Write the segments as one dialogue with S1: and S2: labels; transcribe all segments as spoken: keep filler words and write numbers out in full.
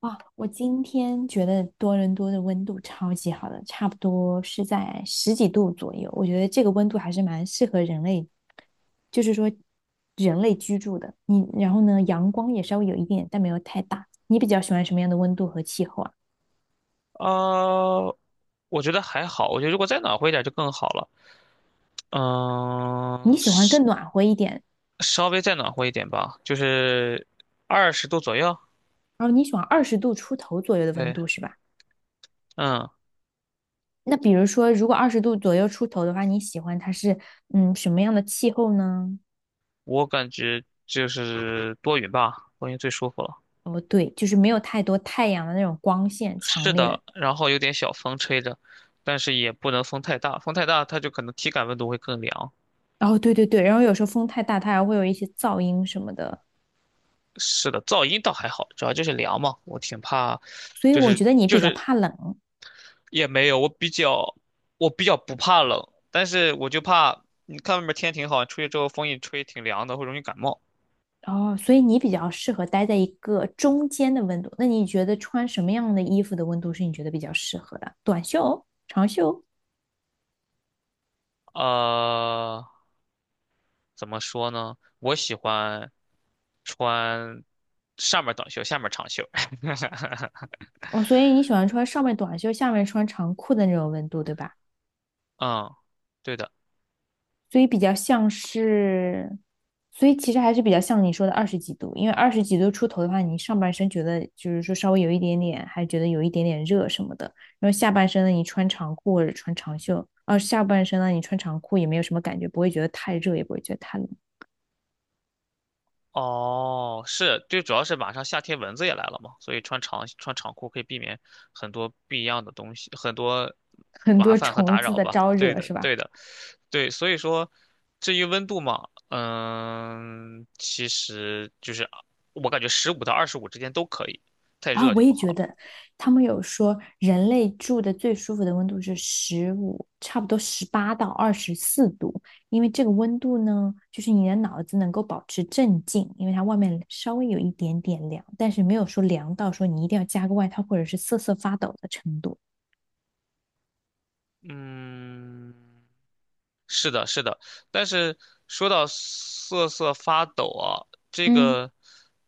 S1: 哇，我今天觉得多伦多的温度超级好的，差不多是在十几度左右。我觉得这个温度还是蛮适合人类，就是说人类居住的。你然后呢，阳光也稍微有一点，但没有太大。你比较喜欢什么样的温度和气候啊？
S2: 啊，我觉得还好，我觉得如果再暖和一点就更好了。
S1: 你
S2: 嗯、
S1: 喜欢
S2: 稍
S1: 更暖和一点，
S2: 稍微再暖和一点吧，就是二十度左右。
S1: 然后你喜欢二十度出头左右的温
S2: 对，
S1: 度是吧？
S2: 嗯，
S1: 那比如说，如果二十度左右出头的话，你喜欢它是嗯什么样的气候呢？
S2: 我感觉就是多云吧，多云最舒服了。
S1: 哦，对，就是没有太多太阳的那种光线强
S2: 是
S1: 烈的，
S2: 的，然后有点小风吹着，但是也不能风太大，风太大它就可能体感温度会更凉。
S1: 哦，对对对，然后有时候风太大，它还会有一些噪音什么的，
S2: 是的，噪音倒还好，主要就是凉嘛，我挺怕，
S1: 所以
S2: 就
S1: 我
S2: 是
S1: 觉得你
S2: 就
S1: 比较
S2: 是
S1: 怕冷，
S2: 也没有，我比较我比较不怕冷，但是我就怕你看外面天挺好，出去之后风一吹挺凉的，会容易感冒。
S1: 哦，所以你比较适合待在一个中间的温度。那你觉得穿什么样的衣服的温度是你觉得比较适合的？短袖、长袖？
S2: 呃，怎么说呢？我喜欢穿上面短袖，下面长袖。
S1: 哦，所以你喜欢穿上面短袖，下面穿长裤的那种温度，对吧？
S2: 嗯，对的。
S1: 所以比较像是，所以其实还是比较像你说的二十几度，因为二十几度出头的话，你上半身觉得就是说稍微有一点点，还觉得有一点点热什么的，然后下半身呢，你穿长裤或者穿长袖，啊，下半身呢，你穿长裤也没有什么感觉，不会觉得太热，也不会觉得太冷，
S2: 哦，是，就主要是马上夏天蚊子也来了嘛，所以穿长穿长裤可以避免很多不一样的东西，很多
S1: 很
S2: 麻
S1: 多
S2: 烦和
S1: 虫
S2: 打
S1: 子
S2: 扰
S1: 的
S2: 吧。
S1: 招
S2: 对
S1: 惹
S2: 的，
S1: 是吧？
S2: 对的，对，所以说，至于温度嘛，嗯，其实就是我感觉十五到二十五之间都可以，太
S1: 啊，
S2: 热
S1: 我
S2: 就
S1: 也
S2: 不好
S1: 觉
S2: 了。
S1: 得，他们有说人类住的最舒服的温度是十五，差不多十八到二十四度，因为这个温度呢，就是你的脑子能够保持镇静，因为它外面稍微有一点点凉，但是没有说凉到说你一定要加个外套或者是瑟瑟发抖的程度。
S2: 嗯，是的，是的，但是说到瑟瑟发抖啊，这
S1: 嗯，
S2: 个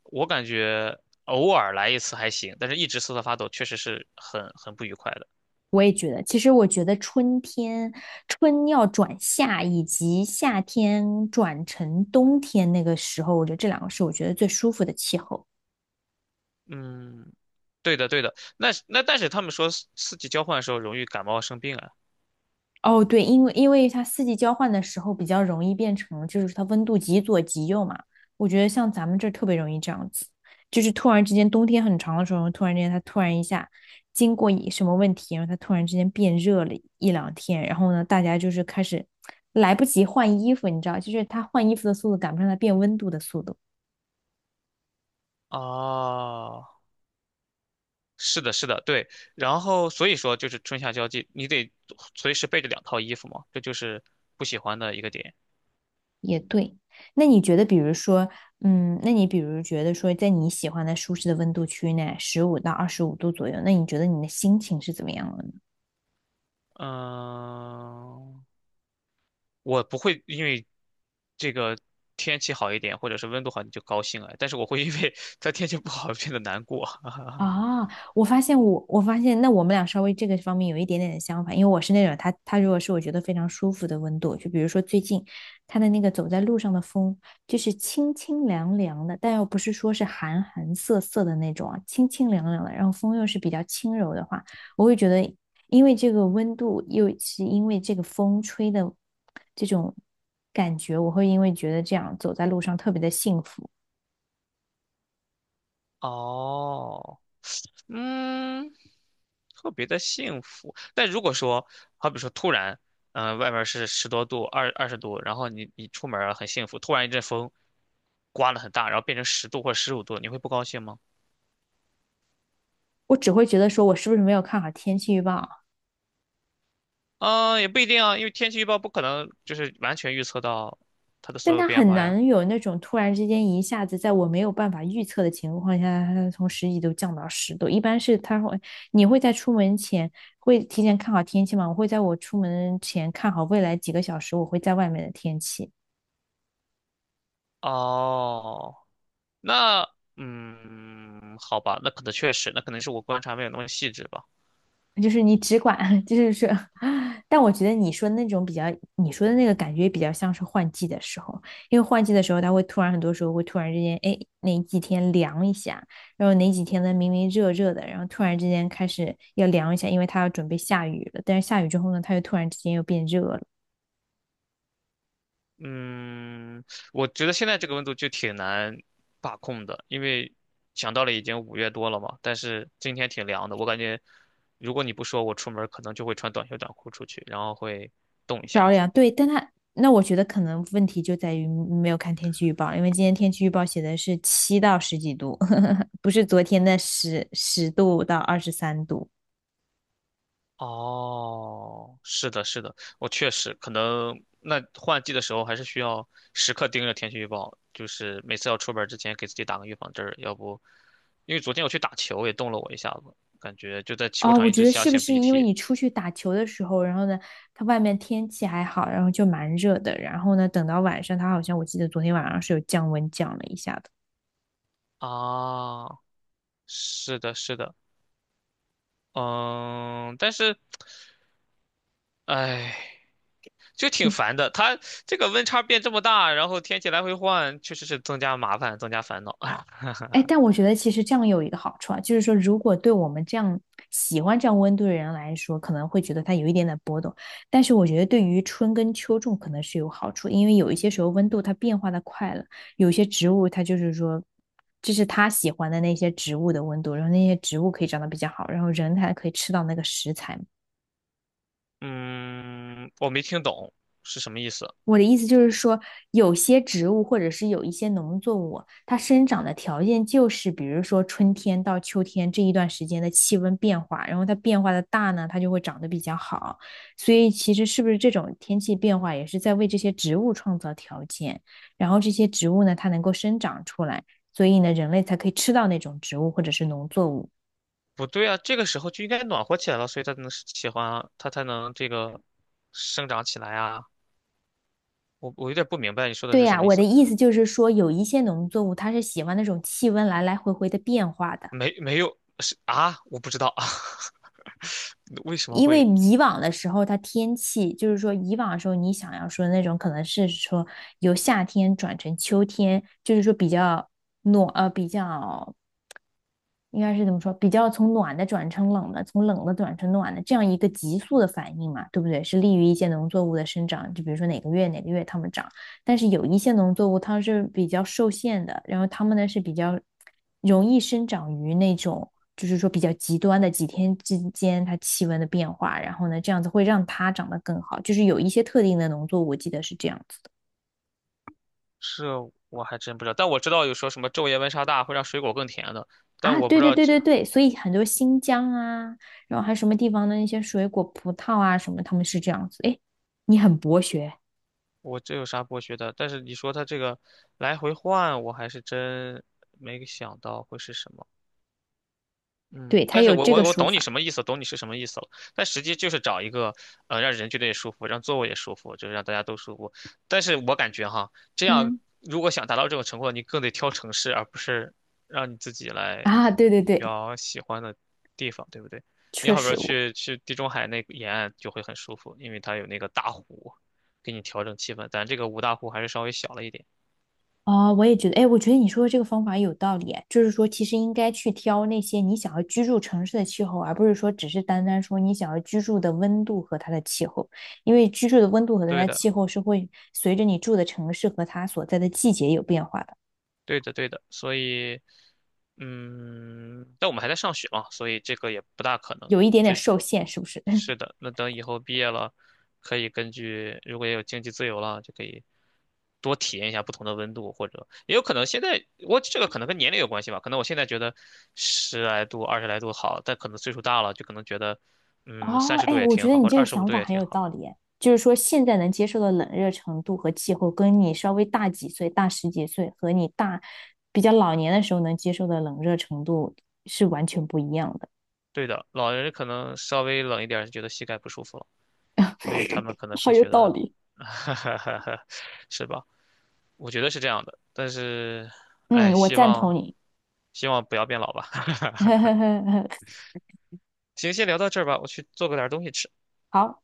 S2: 我感觉偶尔来一次还行，但是一直瑟瑟发抖确实是很很不愉快的。
S1: 我也觉得，其实我觉得春天，春要转夏，以及夏天转成冬天那个时候，我觉得这两个是我觉得最舒服的气候。
S2: 嗯，对的，对的。那那但是他们说四四季交换的时候容易感冒生病啊。
S1: 哦，对，因为因为它四季交换的时候比较容易变成，就是它温度极左极右嘛。我觉得像咱们这儿特别容易这样子，就是突然之间冬天很长的时候，突然之间它突然一下经过一什么问题，然后它突然之间变热了一两天，然后呢，大家就是开始来不及换衣服，你知道，就是它换衣服的速度赶不上它变温度的速度。
S2: 哦，是的，是的，对。然后所以说就是春夏交际，你得随时备着两套衣服嘛，这就是不喜欢的一个点。
S1: 也对，那你觉得，比如说，嗯，那你比如觉得说，在你喜欢的舒适的温度区内，十五到二十五度左右，那你觉得你的心情是怎么样的呢？
S2: 嗯。我不会因为这个天气好一点，或者是温度好，你就高兴啊。但是我会因为 它天气不好变得难过。
S1: 啊，我发现我，我发现那我们俩稍微这个方面有一点点的相反，因为我是那种他他如果是我觉得非常舒服的温度，就比如说最近他的那个走在路上的风，就是清清凉凉的，但又不是说是寒寒涩涩的那种啊，清清凉凉的，然后风又是比较轻柔的话，我会觉得，因为这个温度又是因为这个风吹的这种感觉，我会因为觉得这样走在路上特别的幸福，
S2: 哦，嗯，特别的幸福。但如果说，好比说突然，嗯、外面是十多度、二二十度，然后你你出门儿很幸福，突然一阵风刮了很大，然后变成十度或者十五度，你会不高兴吗？
S1: 我只会觉得说我是不是没有看好天气预报。
S2: 嗯，也不一定啊，因为天气预报不可能就是完全预测到它的
S1: 但
S2: 所有
S1: 它
S2: 变
S1: 很
S2: 化呀。
S1: 难有那种突然之间一下子在我没有办法预测的情况下，它从十几度降到十度。一般是它会，你会在出门前会提前看好天气吗？我会在我出门前看好未来几个小时我会在外面的天气。
S2: 哦，那嗯，好吧，那可能确实，那可能是我观察没有那么细致吧。
S1: 就是你只管，就是说，但我觉得你说那种比较，你说的那个感觉比较像是换季的时候，因为换季的时候，它会突然很多时候会突然之间，哎，哪几天凉一下，然后哪几天呢明明热热的，然后突然之间开始要凉一下，因为它要准备下雨了，但是下雨之后呢，它又突然之间又变热了，
S2: 嗯，我觉得现在这个温度就挺难把控的，因为想到了已经五月多了嘛，但是今天挺凉的，我感觉如果你不说，我出门可能就会穿短袖短裤出去，然后会冻一下
S1: 着
S2: 子。
S1: 凉。对，但它那我觉得可能问题就在于没有看天气预报，因为今天天气预报写的是七到十几度，不是昨天的十十度到二十三度。
S2: 哦，是的，是的，我确实可能那换季的时候还是需要时刻盯着天气预报，就是每次要出门儿之前给自己打个预防针儿，要不，因为昨天我去打球也冻了我一下子，感觉就在球
S1: 哦，
S2: 场
S1: 我
S2: 一
S1: 觉
S2: 直
S1: 得
S2: 想
S1: 是不
S2: 擤
S1: 是
S2: 鼻
S1: 因为
S2: 涕
S1: 你出去打球的时候，然后呢，它外面天气还好，然后就蛮热的，然后呢，等到晚上，它好像我记得昨天晚上是有降温降了一下。
S2: 啊，是的，是的，嗯，但是，哎，就挺烦的，它这个温差变这么大，然后天气来回换，确实是增加麻烦，增加烦恼。
S1: 哎，但我觉得其实这样有一个好处啊，就是说，如果对我们这样喜欢这样温度的人来说，可能会觉得它有一点点波动，但是我觉得对于春耕秋种可能是有好处，因为有一些时候温度它变化的快了，有些植物它就是说，这是它喜欢的那些植物的温度，然后那些植物可以长得比较好，然后人还可以吃到那个食材嘛。
S2: 嗯，我没听懂是什么意思。
S1: 我的意思就是说，有些植物或者是有一些农作物，它生长的条件就是，比如说春天到秋天这一段时间的气温变化，然后它变化的大呢，它就会长得比较好。所以其实是不是这种天气变化也是在为这些植物创造条件，然后这些植物呢，它能够生长出来，所以呢，人类才可以吃到那种植物或者是农作物。
S2: 不对啊，这个时候就应该暖和起来了，所以它才能喜欢啊，它才能这个生长起来啊。我我有点不明白你说的
S1: 对
S2: 是什
S1: 呀，
S2: 么意
S1: 我的
S2: 思，
S1: 意思就是说，有一些农作物它是喜欢那种气温来来回回的变化的。
S2: 没没有是啊，我不知道啊，为什么
S1: 因为
S2: 会
S1: 以往的时候，它天气就是说，以往的时候你想要说那种可能是说由夏天转成秋天，就是说比较暖呃比较应该是怎么说？比较从暖的转成冷的，从冷的转成暖的，这样一个急速的反应嘛，对不对？是利于一些农作物的生长，就比如说哪个月哪个月它们长，但是有一些农作物它是比较受限的，然后它们呢是比较容易生长于那种就是说比较极端的几天之间它气温的变化，然后呢这样子会让它长得更好，就是有一些特定的农作物，我记得是这样子。的。
S2: 是我还真不知道，但我知道有说什么昼夜温差大会让水果更甜的，但
S1: 啊，
S2: 我不
S1: 对
S2: 知
S1: 对
S2: 道
S1: 对
S2: 这
S1: 对对，所以很多新疆啊，然后还有什么地方的那些水果、葡萄啊什么，他们是这样子。哎，你很博学，
S2: 我这有啥剥削的，但是你说它这个来回换，我还是真没想到会是什么。
S1: 对，
S2: 嗯，
S1: 他
S2: 但是
S1: 有
S2: 我
S1: 这
S2: 我
S1: 个
S2: 我
S1: 说
S2: 懂你
S1: 法。
S2: 什么意思，懂你是什么意思了。但实际就是找一个，呃，让人觉得也舒服，让座位也舒服，就是让大家都舒服。但是我感觉哈，这样
S1: 嗯，
S2: 如果想达到这种成果，你更得挑城市，而不是让你自己来
S1: 啊，对对对，
S2: 挑喜欢的地方，对不对？你
S1: 确
S2: 好比
S1: 实
S2: 说
S1: 我，
S2: 去去地中海那个沿岸就会很舒服，因为它有那个大湖，给你调整气氛。咱这个五大湖还是稍微小了一点。
S1: 哦，我也觉得，哎，我觉得你说的这个方法有道理啊，就是说其实应该去挑那些你想要居住城市的气候，而不是说只是单单说你想要居住的温度和它的气候，因为居住的温度和它
S2: 对
S1: 的
S2: 的。
S1: 气候是会随着你住的城市和它所在的季节有变化的，
S2: 对的，对的，所以，嗯，但我们还在上学嘛，所以这个也不大可能。
S1: 有一点点
S2: 这
S1: 受限，是不是？
S2: 是的，那等以后毕业了，可以根据如果也有经济自由了，就可以多体验一下不同的温度，或者也有可能现在我这个可能跟年龄有关系吧，可能我现在觉得十来度、二十来度好，但可能岁数大了就可能觉得，嗯，
S1: 哦，
S2: 三十度
S1: 哎，
S2: 也
S1: 我觉
S2: 挺
S1: 得
S2: 好，
S1: 你
S2: 或者
S1: 这个
S2: 二十五
S1: 想
S2: 度
S1: 法
S2: 也
S1: 很
S2: 挺
S1: 有
S2: 好。
S1: 道理，哎，就是说现在能接受的冷热程度和气候，跟你稍微大几岁、大十几岁和你大比较老年的时候能接受的冷热程度是完全不一样的。
S2: 对的，老人可能稍微冷一点儿就觉得膝盖不舒服了。所以他们可能
S1: 好
S2: 更
S1: 有
S2: 学
S1: 道
S2: 的，
S1: 理。
S2: 是吧？我觉得是这样的，但是，哎，
S1: 嗯，我
S2: 希
S1: 赞
S2: 望
S1: 同你。
S2: 希望不要变老吧。
S1: 呵呵呵呵，
S2: 行，先聊到这儿吧，我去做个点儿东西吃。
S1: 好。